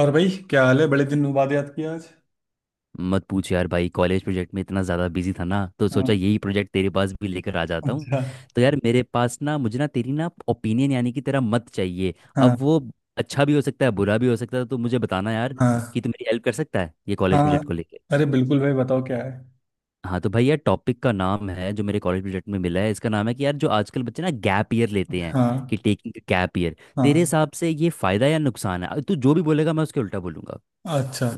और भाई क्या हाल है बड़े दिन बाद याद किया आज। मत पूछ यार भाई। कॉलेज प्रोजेक्ट में इतना ज़्यादा बिजी था ना, तो हाँ। सोचा यही प्रोजेक्ट तेरे पास भी लेकर आ जाता हूँ। अच्छा। तो यार मेरे पास ना, मुझे ना तेरी ना, ओपिनियन यानी कि तेरा मत चाहिए। हाँ। अब वो अच्छा भी हो सकता है बुरा भी हो सकता है, तो मुझे बताना यार हाँ। कि तू मेरी हेल्प कर सकता है ये कॉलेज हाँ। प्रोजेक्ट को लेके। अरे बिल्कुल भाई बताओ क्या है। हाँ तो भाई यार, टॉपिक का नाम है जो मेरे कॉलेज प्रोजेक्ट में मिला है, इसका नाम है कि यार जो आजकल बच्चे ना गैप ईयर लेते हैं, कि हाँ। Taking gap year. तेरे हाँ। हिसाब से ये फ़ायदा या नुकसान है? तू जो भी बोलेगा मैं उसके उल्टा बोलूंगा। अच्छा।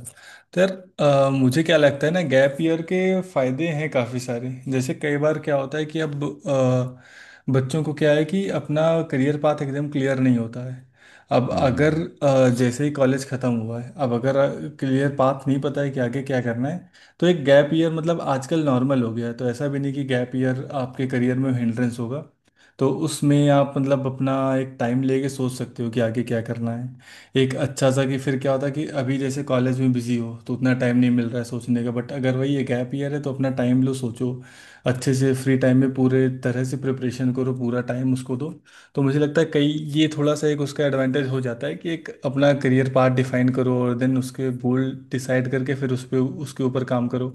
तो यार मुझे क्या लगता है ना गैप ईयर के फायदे हैं काफ़ी सारे। जैसे कई बार क्या होता है कि अब बच्चों को क्या है कि अपना करियर पाथ एकदम क्लियर नहीं होता है। अब अगर हम्म। जैसे ही कॉलेज ख़त्म हुआ है, अब अगर क्लियर पाथ नहीं पता है कि आगे क्या करना है, तो एक गैप ईयर, मतलब आजकल नॉर्मल हो गया है, तो ऐसा भी नहीं कि गैप ईयर आपके करियर में हिंड्रेंस होगा। तो उसमें आप मतलब अपना एक टाइम लेके सोच सकते हो कि आगे क्या करना है। एक अच्छा सा, कि फिर क्या होता है कि अभी जैसे कॉलेज में बिजी हो तो उतना टाइम नहीं मिल रहा है सोचने का, बट अगर वही एक गैप ईयर है तो अपना टाइम लो, सोचो अच्छे से, फ्री टाइम में पूरे तरह से प्रिपरेशन करो, पूरा टाइम उसको दो। तो मुझे लगता है कई ये थोड़ा सा एक उसका एडवांटेज हो जाता है कि एक अपना करियर पाथ डिफाइन करो और देन उसके गोल डिसाइड करके फिर उस पर उसके ऊपर काम करो।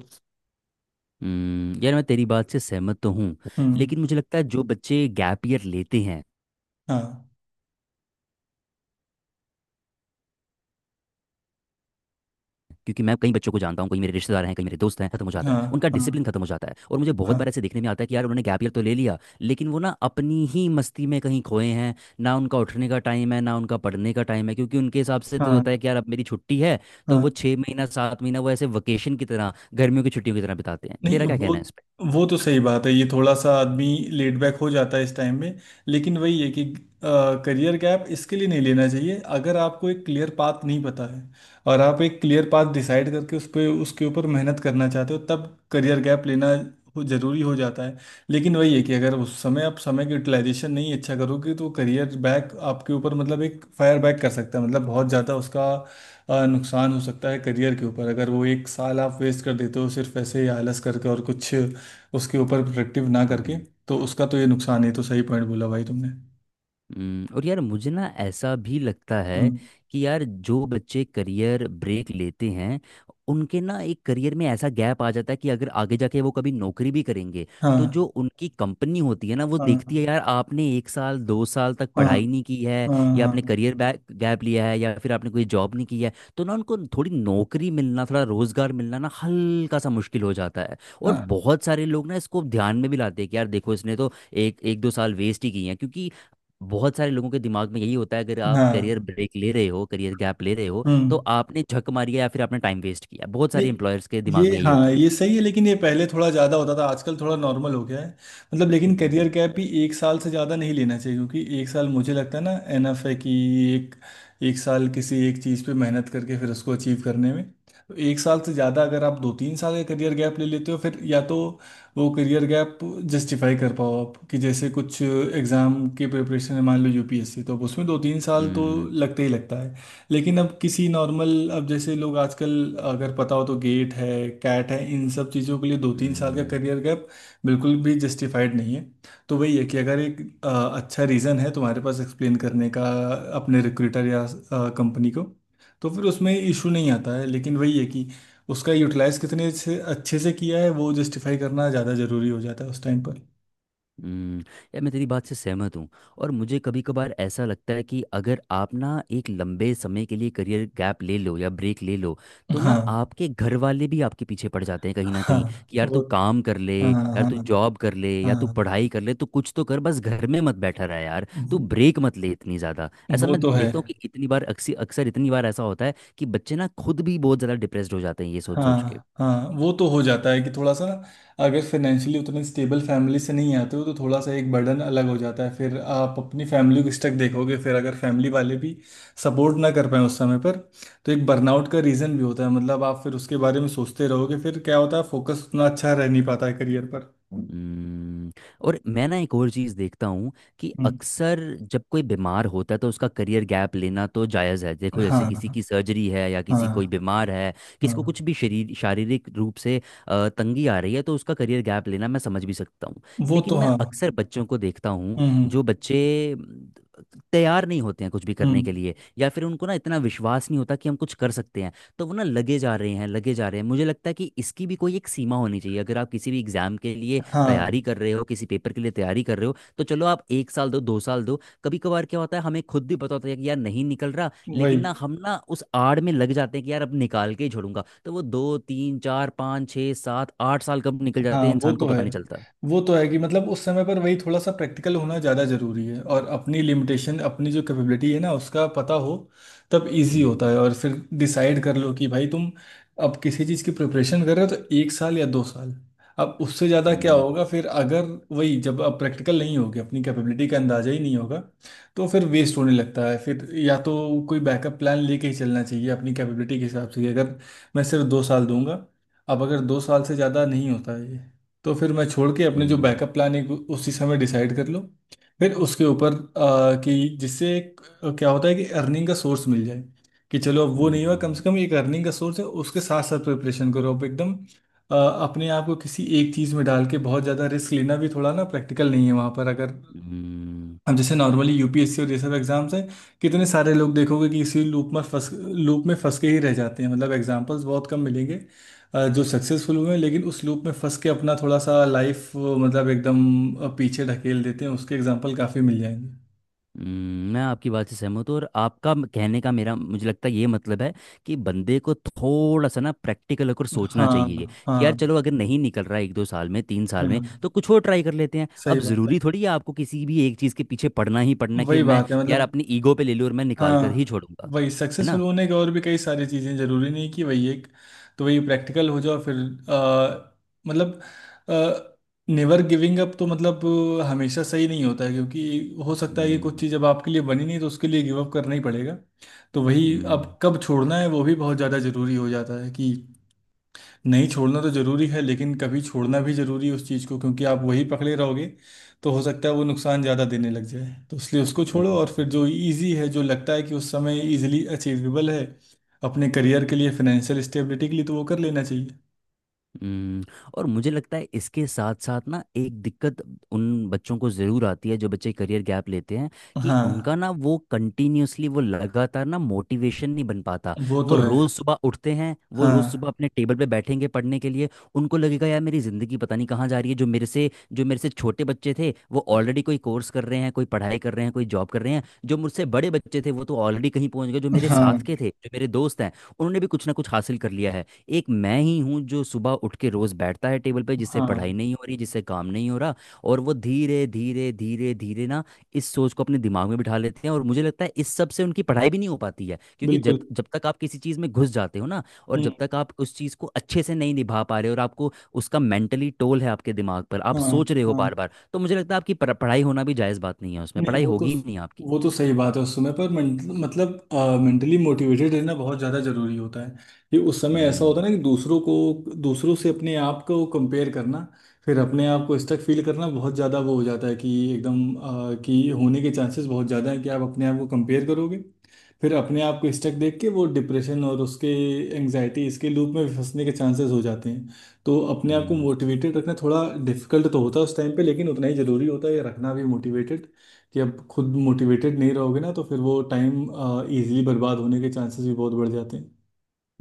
हम्म। यार मैं तेरी बात से सहमत तो हूँ लेकिन हम्म। मुझे लगता है जो बच्चे गैप ईयर लेते हैं, हाँ। क्योंकि मैं कई बच्चों को जानता हूँ, कई मेरे रिश्तेदार हैं, कई मेरे दोस्त हैं, खत्म हो जाता है उनका हाँ। हाँ। डिसिप्लिन खत्म हो जाता है, और मुझे बहुत बार हाँ। ऐसे देखने में आता है कि यार उन्होंने गैप ईयर तो ले लिया लेकिन वो ना अपनी ही मस्ती में कहीं खोए हैं। ना उनका उठने का टाइम है ना उनका पढ़ने का टाइम है, क्योंकि उनके हिसाब से तो होता है हाँ। कि यार अब मेरी छुट्टी है। तो वो हाँ। छः महीना सात महीना वो ऐसे वेकेशन की तरह, गर्मियों की छुट्टियों की तरह बिताते हैं। नहीं तेरा क्या वो, कहना है इस वो तो सही बात है। ये थोड़ा सा आदमी लेट बैक हो जाता है इस टाइम में। लेकिन वही है कि करियर गैप इसके लिए नहीं लेना चाहिए। अगर आपको एक क्लियर पाथ नहीं पता है और आप एक क्लियर पाथ डिसाइड करके उस पे उसके ऊपर मेहनत करना चाहते हो, तब करियर गैप लेना जरूरी हो जाता है। लेकिन वही है कि अगर उस समय आप समय की यूटिलाइजेशन नहीं अच्छा करोगे तो करियर बैक आपके ऊपर, मतलब एक फायर बैक कर सकता है, मतलब बहुत ज़्यादा उसका नुकसान हो सकता है करियर के ऊपर, अगर वो एक साल आप वेस्ट कर देते हो सिर्फ ऐसे ही आलस करके और कुछ उसके ऊपर प्रोडक्टिव ना करके। पर? तो उसका तो ये नुकसान है। तो सही पॉइंट बोला भाई तुमने। हम्म। और यार मुझे ना ऐसा भी लगता है हम्म। कि यार जो बच्चे करियर ब्रेक लेते हैं, उनके ना एक करियर में ऐसा गैप आ जाता है कि अगर आगे जाके वो कभी नौकरी भी करेंगे तो जो हाँ। उनकी कंपनी होती है ना, वो देखती हाँ। है यार आपने एक साल दो साल तक हाँ। पढ़ाई नहीं की है हाँ। हाँ। या आपने हाँ। करियर गैप लिया है या फिर आपने कोई जॉब नहीं की है। तो ना उनको थोड़ी नौकरी मिलना, थोड़ा रोजगार मिलना ना हल्का सा मुश्किल हो जाता है, और हाँ। बहुत सारे लोग ना इसको ध्यान में भी लाते हैं कि यार देखो इसने तो एक एक दो साल वेस्ट ही किए हैं, क्योंकि बहुत सारे लोगों के दिमाग में यही होता है अगर आप हाँ। करियर ब्रेक ले रहे हो, करियर गैप ले रहे हो, तो हम्म। आपने झक मारी है या फिर आपने टाइम वेस्ट किया। बहुत सारे नहीं एम्प्लॉयर्स के दिमाग ये, में यही हाँ होता है। ये सही है, लेकिन ये पहले थोड़ा ज़्यादा होता था आजकल थोड़ा नॉर्मल हो गया है। मतलब लेकिन करियर हम्म। गैप भी एक साल से ज़्यादा नहीं लेना चाहिए क्योंकि एक साल मुझे लगता है ना एनफ है कि एक एक साल किसी एक चीज़ पे मेहनत करके फिर उसको अचीव करने में। तो एक साल से ज़्यादा अगर आप दो तीन साल का करियर गैप ले लेते हो फिर या तो वो करियर गैप जस्टिफाई कर पाओ आप, कि जैसे कुछ एग्ज़ाम के प्रिपरेशन है, मान लो यूपीएससी, तो अब उसमें दो तीन साल तो हम्म। लगते ही लगता है। लेकिन अब किसी नॉर्मल, अब जैसे लोग आजकल अगर पता हो तो गेट है, कैट है, इन सब चीज़ों के लिए दो तीन साल का हम्म। करियर गैप बिल्कुल भी जस्टिफाइड नहीं है। तो वही है कि अगर एक अच्छा रीज़न है तुम्हारे पास एक्सप्लेन करने का अपने रिक्रूटर या कंपनी को, तो फिर उसमें इशू नहीं आता है। लेकिन वही है कि उसका यूटिलाइज कितने से अच्छे से किया है वो जस्टिफाई करना ज़्यादा ज़रूरी हो जाता है उस टाइम पर। हम्म। यार मैं तेरी बात से सहमत हूँ। और मुझे कभी कभार ऐसा लगता है कि अगर आप ना एक लंबे समय के लिए करियर गैप ले लो या ब्रेक ले लो तो ना हाँ। आपके घर वाले भी आपके पीछे पड़ जाते हैं कहीं ना कहीं हाँ। कि यार वो। तू काम कर ले, हाँ। यार हाँ। तू जॉब कर ले या तू हाँ। पढ़ाई कर ले तो कुछ तो कर, बस घर में मत बैठा रहा, यार तू वो ब्रेक मत ले इतनी ज़्यादा। ऐसा वो मैं तो है। देखता हूँ कि इतनी बार, अक्सर अक्सर इतनी बार ऐसा होता है कि बच्चे ना खुद भी बहुत ज़्यादा डिप्रेस्ड हो जाते हैं ये सोच सोच के। हाँ। हाँ। वो तो हो जाता है कि थोड़ा सा ना, अगर फाइनेंशियली उतने स्टेबल फैमिली से नहीं आते हो तो थोड़ा सा एक बर्डन अलग हो जाता है। फिर आप अपनी फैमिली को स्टक देखोगे, फिर अगर फैमिली वाले भी सपोर्ट ना कर पाए उस समय पर, तो एक बर्नआउट का रीज़न भी होता है। मतलब आप फिर उसके बारे में सोचते रहोगे, फिर क्या होता है फोकस उतना अच्छा रह नहीं पाता है करियर पर। हम्म। और मैं ना एक और चीज़ देखता हूँ, कि हम्म। अक्सर जब कोई बीमार होता है तो उसका करियर गैप लेना तो जायज़ है। देखो हाँ। जैसे किसी की हाँ। सर्जरी है या हाँ। किसी, कोई बीमार है, किसी को हाँ। कुछ भी शरीर शारीरिक रूप से तंगी आ रही है, तो उसका करियर गैप लेना मैं समझ भी सकता हूँ। वो तो लेकिन मैं हाँ। अक्सर बच्चों को देखता हूँ, हम्म। जो बच्चे तैयार नहीं होते हैं कुछ भी करने हम्म। के लिए या फिर उनको ना इतना विश्वास नहीं होता कि हम कुछ कर सकते हैं, तो वो ना लगे जा रहे हैं लगे जा रहे हैं। मुझे लगता है कि इसकी भी कोई एक सीमा होनी चाहिए। अगर आप किसी भी एग्ज़ाम के लिए हाँ। तैयारी कर रहे हो, किसी पेपर के लिए तैयारी कर रहे हो, तो चलो आप एक साल दो, दो साल दो, कभी कभार क्या होता है हमें खुद भी पता होता है कि यार नहीं निकल रहा, लेकिन वही। ना हम ना उस आड़ में लग जाते हैं कि यार अब निकाल के ही छोड़ूंगा, तो वो दो तीन चार पाँच छः सात आठ साल कब निकल हाँ। जाते हैं वो इंसान को तो है। पता नहीं चलता। वो तो है कि मतलब उस समय पर वही थोड़ा सा प्रैक्टिकल होना ज़्यादा ज़रूरी है, और अपनी लिमिटेशन, अपनी जो कैपेबिलिटी है ना उसका पता हो, तब इजी होता है। हम्म। और फिर डिसाइड कर लो कि भाई तुम अब किसी चीज़ की प्रिपरेशन कर रहे हो तो एक साल या दो साल, अब उससे ज़्यादा क्या हम्म। होगा फिर। अगर वही, जब अब प्रैक्टिकल नहीं होगी, अपनी कैपेबिलिटी का अंदाज़ा ही नहीं होगा, तो फिर वेस्ट होने लगता है। फिर या तो कोई बैकअप प्लान लेके ही चलना चाहिए अपनी कैपेबिलिटी के हिसाब से। कि अगर मैं सिर्फ दो साल दूंगा, अब अगर दो साल से ज़्यादा नहीं होता है ये, तो फिर मैं छोड़ के अपने जो हम्म। बैकअप प्लान है उसी समय डिसाइड कर लो। फिर उसके ऊपर कि जिससे एक, क्या होता है कि अर्निंग का सोर्स मिल जाए, कि चलो अब वो नहीं हुआ, कम हम्म। से कम एक अर्निंग का सोर्स है, उसके साथ साथ प्रिपरेशन करो अब एकदम। आ, अपने आप को किसी एक चीज़ में डाल के बहुत ज़्यादा रिस्क लेना भी थोड़ा ना प्रैक्टिकल नहीं है वहाँ पर। अगर हम्म। हम्म। अब जैसे नॉर्मली यूपीएससी और ये सब एग्जाम्स हैं, कितने सारे लोग देखोगे कि इसी लूप में फंस के ही रह जाते हैं। मतलब एग्जाम्पल्स बहुत कम मिलेंगे जो सक्सेसफुल हुए हैं, लेकिन उस लूप में फंस के अपना थोड़ा सा लाइफ, मतलब एकदम पीछे ढकेल देते हैं। उसके एग्जाम्पल काफ़ी मिल जाएंगे। हम्म। मैं आपकी बात से सहमत हूँ, और आपका कहने का मेरा, मुझे लगता है ये मतलब है कि बंदे को थोड़ा सा ना प्रैक्टिकल होकर सोचना चाहिए हाँ। कि यार हाँ। चलो अगर नहीं निकल रहा है एक दो साल में तीन साल में हाँ। तो कुछ और ट्राई कर लेते हैं। सही अब बात ज़रूरी है। थोड़ी है आपको किसी भी एक चीज़ के पीछे पड़ना ही पड़ना कि वही यार मैं, बात है यार मतलब। अपनी ईगो पे ले लूँ और मैं निकाल कर ही हाँ। छोड़ूंगा। वही है सक्सेसफुल ना। होने का और भी कई सारी चीज़ें। जरूरी नहीं कि वही एक। तो वही प्रैक्टिकल हो जाओ फिर मतलब नेवर गिविंग अप तो मतलब हमेशा सही नहीं होता है। क्योंकि हो सकता है कि कुछ हम्म। चीज़ अब आपके लिए बनी नहीं, तो उसके लिए गिव अप करना ही पड़ेगा। तो वही हम्म। अब कब छोड़ना है वो भी बहुत ज़्यादा ज़रूरी हो जाता है। कि नहीं छोड़ना तो जरूरी है, लेकिन कभी छोड़ना भी जरूरी है उस चीज़ को। क्योंकि आप वही पकड़े रहोगे तो हो सकता है वो नुकसान ज़्यादा देने लग जाए, तो इसलिए उसको छोड़ो, हम्म। और फिर जो इजी है, जो लगता है कि उस समय इजीली अचीवेबल है अपने करियर के लिए, फाइनेंशियल स्टेबिलिटी के लिए, तो वो कर लेना चाहिए। हम्म। और मुझे लगता है इसके साथ साथ ना एक दिक्कत उन बच्चों को ज़रूर आती है जो बच्चे करियर गैप लेते हैं, कि उनका हाँ। ना वो कंटिन्यूअसली, वो लगातार ना मोटिवेशन नहीं बन पाता। वो वो तो है। रोज़ सुबह उठते हैं, वो रोज़ हाँ। सुबह अपने टेबल पे बैठेंगे पढ़ने के लिए, उनको लगेगा यार मेरी ज़िंदगी पता नहीं कहाँ जा रही है, जो मेरे से छोटे बच्चे थे वो ऑलरेडी कोई कोर्स कर रहे हैं, कोई पढ़ाई कर रहे हैं, कोई जॉब कर रहे हैं, जो मुझसे बड़े बच्चे थे वो तो ऑलरेडी कहीं पहुंच गए, जो मेरे साथ हाँ। के थे जो मेरे दोस्त हैं, उन्होंने भी कुछ ना कुछ हासिल कर लिया है। एक मैं ही हूँ जो सुबह उठ के रोज बैठता है टेबल पे, जिससे पढ़ाई हाँ। नहीं हो रही, जिससे काम नहीं हो रहा, और वो धीरे धीरे धीरे धीरे ना इस सोच को अपने दिमाग में बिठा लेते हैं। और मुझे लगता है इस सब से उनकी पढ़ाई भी नहीं हो पाती है, क्योंकि जब बिल्कुल। जब तक आप किसी चीज़ में घुस जाते हो ना, और हम्म। जब तक आप उस चीज़ को अच्छे से नहीं निभा पा रहे हो, और आपको उसका मेंटली टोल है आपके दिमाग पर, आप हाँ। सोच रहे हो बार हाँ। बार, तो मुझे लगता है आपकी पढ़ाई होना भी जायज़ बात नहीं है, उसमें नहीं पढ़ाई वो, तो होगी ही नहीं आपकी। वो तो सही बात है। उस समय पर मतलब मेंटली मोटिवेटेड रहना बहुत ज़्यादा ज़रूरी होता है। ये उस समय ऐसा होता हम्म। है ना कि दूसरों से अपने आप को कंपेयर करना, फिर अपने आप को स्टक फील करना बहुत ज़्यादा वो हो जाता है कि एकदम कि होने के चांसेस बहुत ज़्यादा है कि आप अपने आप को कंपेयर करोगे। फिर अपने आप को स्टक देख के वो डिप्रेशन और उसके एंग्जाइटी, इसके लूप में फंसने के चांसेस हो जाते हैं। तो अपने आप को हम्म। मोटिवेटेड रखना थोड़ा डिफिकल्ट तो होता है उस टाइम पे, लेकिन उतना ही ज़रूरी होता है रखना भी मोटिवेटेड। कि अब खुद मोटिवेटेड नहीं रहोगे ना, तो फिर वो टाइम इजीली बर्बाद होने के चांसेस भी बहुत बढ़ जाते हैं।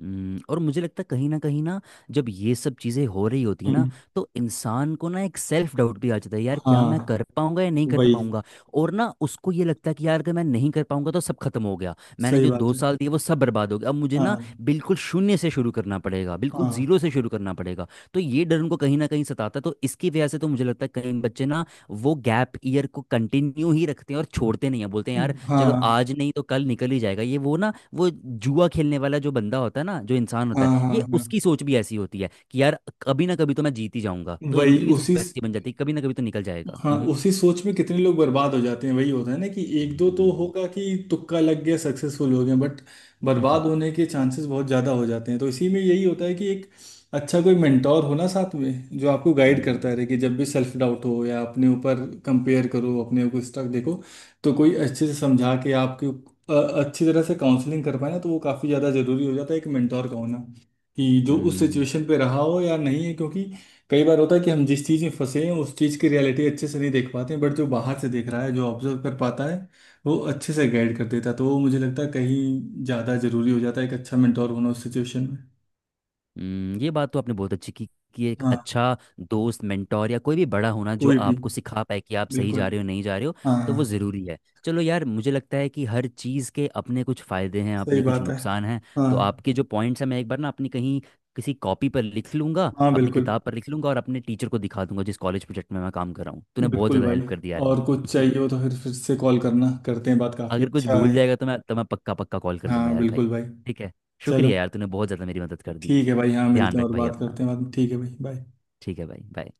हम्म। और मुझे लगता है कहीं ना कहीं ना, जब ये सब चीज़ें हो रही होती है ना, हम्म। तो इंसान को ना एक सेल्फ डाउट भी आ जाता है, यार क्या मैं हाँ। कर पाऊंगा या नहीं कर वही। पाऊंगा। और ना उसको ये लगता है कि यार अगर मैं नहीं कर पाऊंगा तो सब खत्म हो गया, मैंने सही जो दो बात है। साल दिए वो सब बर्बाद हो गया, अब मुझे ना हाँ। बिल्कुल शून्य से शुरू करना पड़ेगा, बिल्कुल हाँ। जीरो से शुरू करना पड़ेगा। तो ये डर उनको कहीं ना कहीं सताता है, तो इसकी वजह से तो मुझे लगता है कई बच्चे ना वो गैप ईयर को कंटिन्यू ही रखते हैं और छोड़ते नहीं है, बोलते हैं यार चलो हाँ। आज नहीं तो कल निकल ही जाएगा, ये वो ना, वो जुआ खेलने वाला जो बंदा होता है ना, जो इंसान हाँ। होता है, हाँ। हाँ। ये हाँ। उसकी सोच भी ऐसी होती है कि यार कभी ना कभी तो मैं जीत ही जाऊंगा, तो वही इनकी भी उसी। सोच ऐसी बन जाती है कभी ना कभी तो निकल जाएगा। हाँ हम्म। उसी सोच में कितने लोग बर्बाद हो जाते हैं। वही होता है ना, कि एक दो तो हम्म। होगा कि तुक्का लग गया सक्सेसफुल हो गए, बट हम्म। बर्बाद होने के चांसेस बहुत ज़्यादा हो जाते हैं। तो इसी में यही होता है कि एक अच्छा कोई मेंटोर हो ना साथ में, जो आपको गाइड करता रहे कि हम्म। जब भी सेल्फ डाउट हो, या अपने ऊपर कंपेयर करो, अपने को स्टक देखो, तो कोई अच्छे से समझा के आपके अच्छी तरह से काउंसलिंग कर पाए ना, तो वो काफ़ी ज़्यादा ज़रूरी हो जाता है एक मेंटोर का होना। कि जो उस हम्म। सिचुएशन पे रहा हो या नहीं है। क्योंकि कई बार होता है कि हम जिस चीज में फंसे हैं उस चीज की रियलिटी अच्छे से नहीं देख पाते हैं, बट जो बाहर से देख रहा है, जो ऑब्जर्व कर पाता है, वो अच्छे से गाइड कर देता है। तो वो मुझे लगता है कहीं ज्यादा जरूरी हो जाता है एक अच्छा मेंटोर होना उस सिचुएशन में। हम्म। ये बात तो आपने बहुत अच्छी की, कि एक हाँ। अच्छा दोस्त, मेंटोर या कोई भी बड़ा होना जो कोई भी। आपको सिखा पाए कि आप सही जा बिल्कुल। रहे हो नहीं जा रहे हो, तो वो हाँ। ज़रूरी है। चलो यार मुझे लगता है कि हर चीज़ के अपने कुछ फ़ायदे हैं सही अपने कुछ बात है। नुकसान हैं। तो हाँ। आपके जो पॉइंट्स हैं मैं एक बार ना अपनी कहीं, किसी कॉपी पर लिख लूंगा, हाँ। अपनी बिल्कुल। किताब पर लिख लूंगा, और अपने टीचर को दिखा दूंगा जिस कॉलेज प्रोजेक्ट में मैं काम कर रहा हूँ। तूने बहुत बिल्कुल ज़्यादा हेल्प भाई, कर दी यार और कुछ मेरी। चाहिए हो तो फिर से कॉल करना। करते हैं बात, काफी अगर कुछ अच्छा भूल है। जाएगा तो मैं पक्का पक्का कॉल कर लूंगा हाँ यार भाई। बिल्कुल भाई। ठीक है। चलो, शुक्रिया यार, तूने बहुत ज़्यादा मेरी मदद कर दी। ठीक है भाई। हाँ ध्यान मिलते हैं रख और भाई बात अपना। करते हैं बाद में। ठीक है भाई, बाय। ठीक है भाई, बाय।